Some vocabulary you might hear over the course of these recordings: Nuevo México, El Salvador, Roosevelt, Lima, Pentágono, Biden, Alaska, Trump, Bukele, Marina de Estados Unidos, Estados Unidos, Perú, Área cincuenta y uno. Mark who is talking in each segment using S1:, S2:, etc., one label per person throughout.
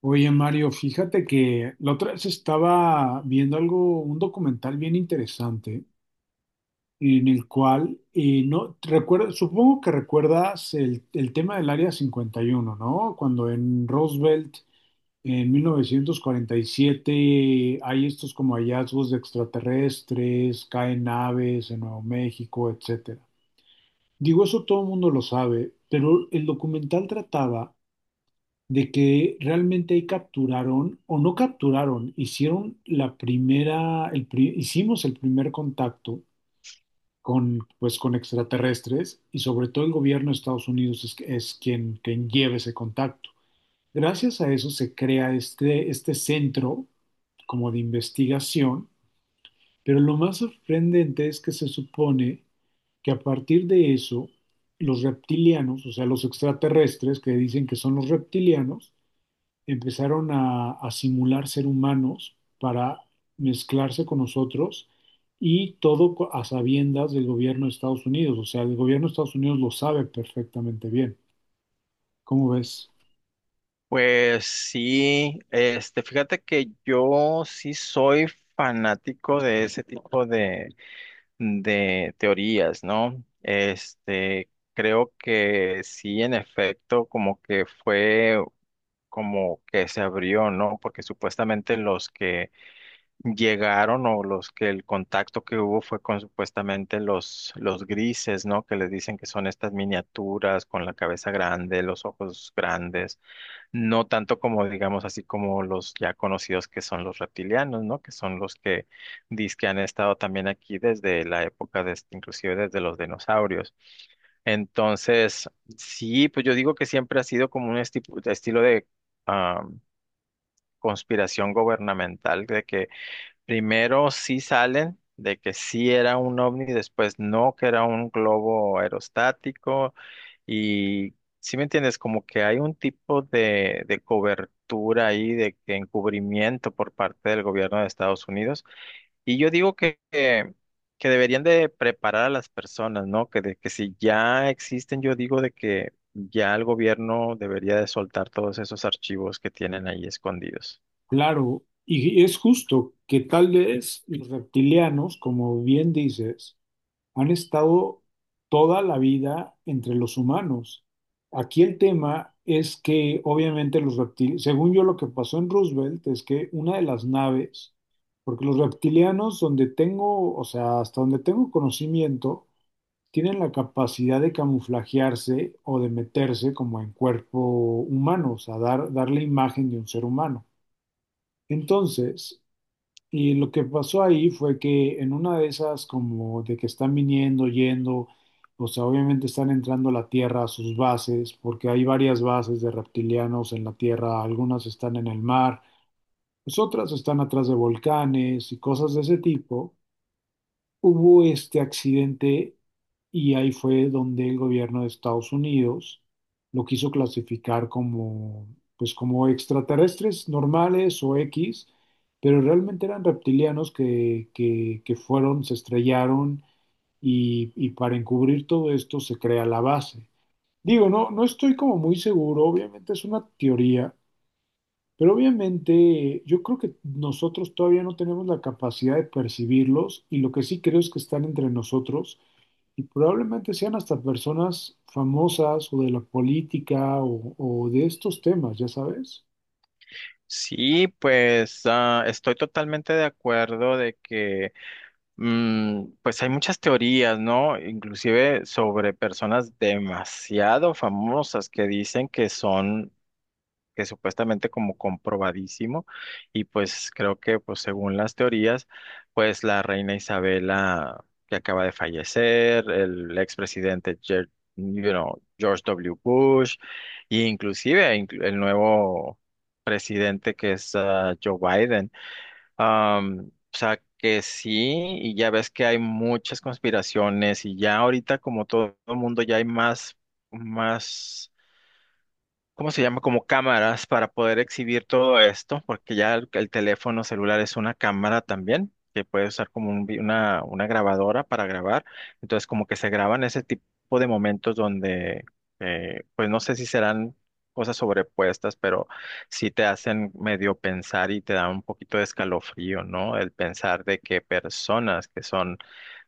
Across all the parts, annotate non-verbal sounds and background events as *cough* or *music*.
S1: Oye, Mario, fíjate que la otra vez estaba viendo algo, un documental bien interesante, en el cual, no, recuerda, supongo que recuerdas el tema del Área 51, ¿no? Cuando en Roosevelt, en 1947 hay estos como hallazgos de extraterrestres, caen naves en Nuevo México, etcétera. Digo, eso todo el mundo lo sabe, pero el documental trataba de que realmente ahí capturaron o no capturaron, hicieron la primera, hicimos el primer contacto con, pues, con extraterrestres y sobre todo el gobierno de Estados Unidos es quien lleva ese contacto. Gracias a eso se crea este centro como de investigación, pero lo más sorprendente es que se supone que a partir de eso, los reptilianos, o sea, los extraterrestres que dicen que son los reptilianos, empezaron a simular ser humanos para mezclarse con nosotros y todo a sabiendas del gobierno de Estados Unidos. O sea, el gobierno de Estados Unidos lo sabe perfectamente bien. ¿Cómo ves?
S2: Pues sí, este, fíjate que yo sí soy fanático de ese tipo de teorías, ¿no? Este, creo que sí, en efecto, como que fue como que se abrió, ¿no? Porque supuestamente los que llegaron o los que el contacto que hubo fue con supuestamente los grises, ¿no? Que les dicen que son estas miniaturas con la cabeza grande, los ojos grandes. No tanto como, digamos, así como los ya conocidos que son los reptilianos, ¿no? Que son los que dizque han estado también aquí desde la época inclusive desde los dinosaurios. Entonces, sí, pues yo digo que siempre ha sido como un estilo de ah, conspiración gubernamental, de que primero sí salen de que sí era un ovni, después no, que era un globo aerostático. Y si me entiendes, como que hay un tipo de cobertura ahí, de que encubrimiento por parte del gobierno de Estados Unidos. Y yo digo que deberían de preparar a las personas, ¿no? Que si ya existen, yo digo de que ya el gobierno debería de soltar todos esos archivos que tienen ahí escondidos.
S1: Claro, y es justo que tal vez los reptilianos, como bien dices, han estado toda la vida entre los humanos. Aquí el tema es que obviamente los reptiles, según yo lo que pasó en Roosevelt es que una de las naves, porque los reptilianos donde tengo, o sea, hasta donde tengo conocimiento, tienen la capacidad de camuflajearse o de meterse como en cuerpo humano, o sea, dar la imagen de un ser humano. Entonces, y lo que pasó ahí fue que en una de esas, como de que están viniendo, yendo, o sea, obviamente están entrando a la Tierra a sus bases, porque hay varias bases de reptilianos en la Tierra, algunas están en el mar, pues otras están atrás de volcanes y cosas de ese tipo. Hubo este accidente y ahí fue donde el gobierno de Estados Unidos lo quiso clasificar como, pues como extraterrestres normales o X, pero realmente eran reptilianos que fueron, se estrellaron y para encubrir todo esto se crea la base. Digo, no, no estoy como muy seguro, obviamente es una teoría, pero obviamente yo creo que nosotros todavía no tenemos la capacidad de percibirlos y lo que sí creo es que están entre nosotros y probablemente sean hasta personas famosas o de la política o de estos temas, ya sabes.
S2: Sí, pues estoy totalmente de acuerdo de que pues hay muchas teorías, ¿no? Inclusive sobre personas demasiado famosas que dicen que son que supuestamente como comprobadísimo, y pues creo que pues según las teorías pues la reina Isabela, que acaba de fallecer, el expresidente George W. Bush e inclusive el nuevo presidente, que es Joe Biden. Am, o sea que sí, y ya ves que hay muchas conspiraciones, y ya ahorita como todo el mundo ya hay más ¿cómo se llama? Como cámaras para poder exhibir todo esto, porque ya el teléfono celular es una cámara también, que puede usar como una grabadora para grabar. Entonces, como que se graban ese tipo de momentos donde, pues no sé si serán cosas sobrepuestas, pero sí te hacen medio pensar y te da un poquito de escalofrío, ¿no? El pensar de que personas que son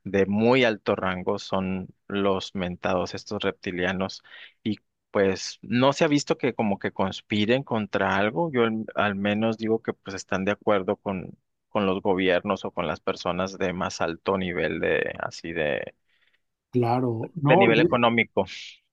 S2: de muy alto rango son los mentados, estos reptilianos, y pues no se ha visto que como que conspiren contra algo. Yo al menos digo que pues están de acuerdo con los gobiernos o con las personas de más alto nivel, de así,
S1: Claro,
S2: de
S1: no,
S2: nivel
S1: y
S2: económico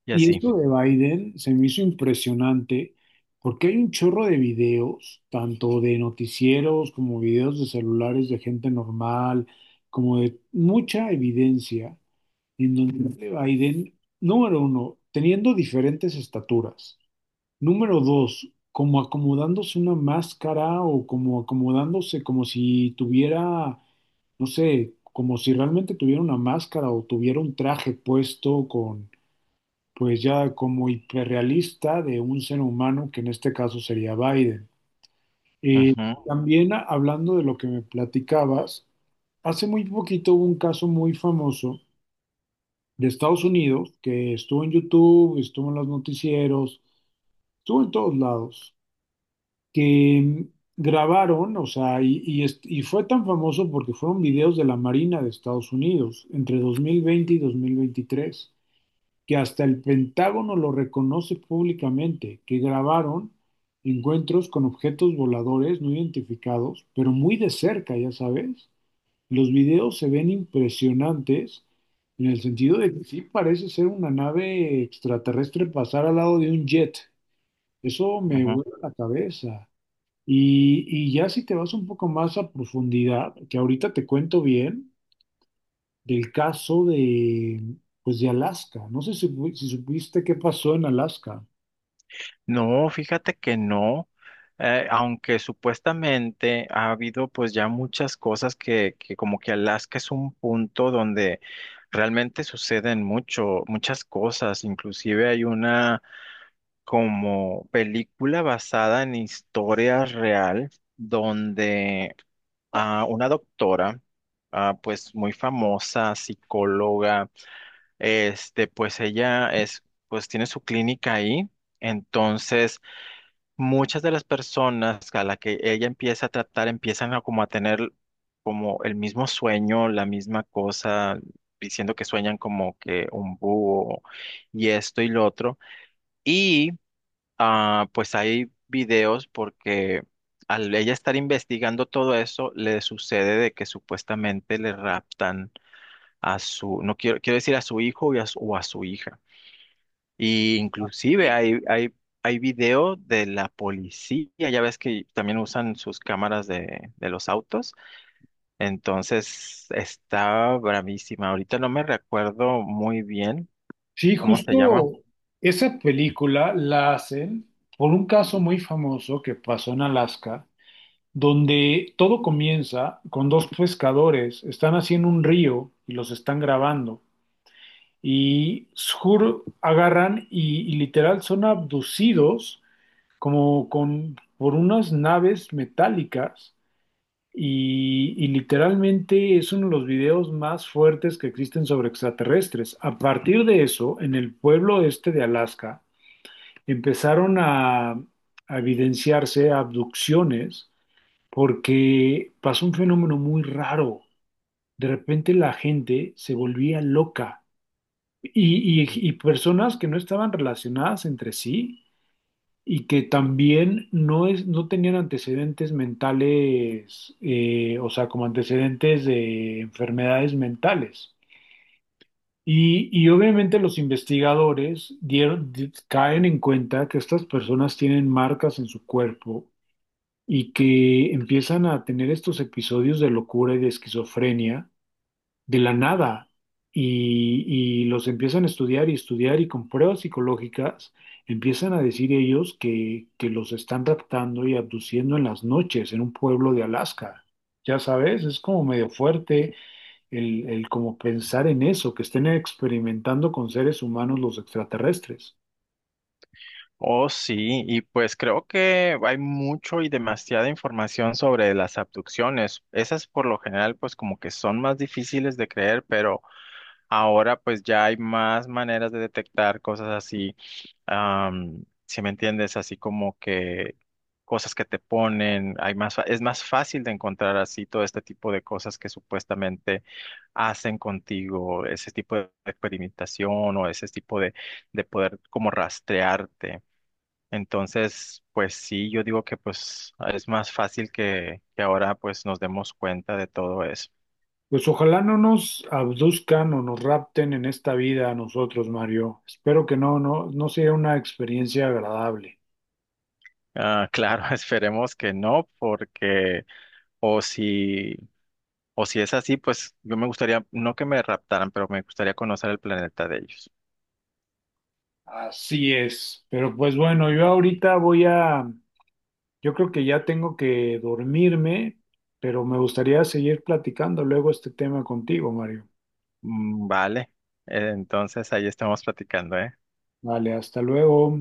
S2: y
S1: y
S2: así.
S1: esto de Biden se me hizo impresionante porque hay un chorro de videos, tanto de noticieros como videos de celulares de gente normal, como de mucha evidencia en donde Biden, número uno, teniendo diferentes estaturas. Número dos, como acomodándose una máscara o como acomodándose como si tuviera, no sé, como si realmente tuviera una máscara o tuviera un traje puesto con, pues ya como hiperrealista de un ser humano, que en este caso sería Biden. Eh,
S2: Ujú,
S1: También hablando de lo que me platicabas, hace muy poquito hubo un caso muy famoso de Estados Unidos, que estuvo en YouTube, estuvo en los noticieros, estuvo en todos lados, que grabaron, o sea, y fue tan famoso porque fueron videos de la Marina de Estados Unidos entre 2020 y 2023 que hasta el Pentágono lo reconoce públicamente, que grabaron encuentros con objetos voladores no identificados, pero muy de cerca, ya sabes. Los videos se ven impresionantes en el sentido de que sí parece ser una nave extraterrestre pasar al lado de un jet. Eso me
S2: ujú.
S1: vuela la cabeza. Y ya si te vas un poco más a profundidad, que ahorita te cuento bien del caso de, pues de Alaska. No sé si, si supiste qué pasó en Alaska.
S2: No, fíjate que no, aunque supuestamente ha habido pues ya muchas cosas que como que Alaska es un punto donde realmente suceden mucho, muchas cosas. Inclusive hay una como película basada en historia real, donde a una doctora pues muy famosa, psicóloga, este pues ella es, pues tiene su clínica ahí. Entonces muchas de las personas a la que ella empieza a tratar empiezan a como a tener como el mismo sueño, la misma cosa, diciendo que sueñan como que un búho y esto y lo otro. Y pues hay videos porque al ella estar investigando todo eso, le sucede de que supuestamente le raptan a su, no quiero, quiero decir, a su hijo y a o a su hija. Y
S1: Ah,
S2: inclusive
S1: sí,
S2: hay video de la policía, ya ves que también usan sus cámaras de los autos. Entonces está bravísima. Ahorita no me recuerdo muy bien
S1: sí,
S2: cómo se llama.
S1: justo esa película la hacen por un caso muy famoso que pasó en Alaska donde todo comienza con dos pescadores, están haciendo un río y los están grabando. Y Shur agarran y, literal son abducidos como con, por unas naves metálicas y, literalmente es uno de los videos más fuertes que existen sobre extraterrestres. A partir de eso, en el pueblo este de Alaska, empezaron a evidenciarse abducciones porque pasó un fenómeno muy raro. De repente la gente se volvía loca y personas que no estaban relacionadas entre sí y que también no, es, no tenían antecedentes mentales, o sea, como antecedentes de enfermedades mentales. Y obviamente los investigadores caen en cuenta que estas personas tienen marcas en su cuerpo y que empiezan a tener estos episodios de locura y de esquizofrenia de la nada y los empiezan a estudiar y estudiar y con pruebas psicológicas empiezan a decir ellos que los están raptando y abduciendo en las noches en un pueblo de Alaska. Ya sabes, es como medio fuerte el como pensar en eso, que estén experimentando con seres humanos los extraterrestres.
S2: Oh, sí, y pues creo que hay mucho y demasiada información sobre las abducciones. Esas por lo general pues como que son más difíciles de creer, pero... Ahora pues ya hay más maneras de detectar cosas así, si me entiendes, así como que cosas que te ponen. Hay más, es más fácil de encontrar así todo este tipo de cosas que supuestamente hacen contigo, ese tipo de experimentación o ese tipo de poder como rastrearte. Entonces, pues sí, yo digo que pues es más fácil que ahora pues nos demos cuenta de todo eso.
S1: Pues ojalá no nos abduzcan o nos rapten en esta vida a nosotros, Mario. Espero que no, no, no sea una experiencia agradable.
S2: Ah, claro, *laughs* esperemos que no, porque O si, o si es así, pues yo me gustaría, no que me raptaran, pero me gustaría conocer el planeta de ellos.
S1: Así es. Pero pues bueno, yo ahorita yo creo que ya tengo que dormirme, pero me gustaría seguir platicando luego este tema contigo, Mario.
S2: Mm, vale, entonces ahí estamos platicando, ¿eh?
S1: Vale, hasta luego.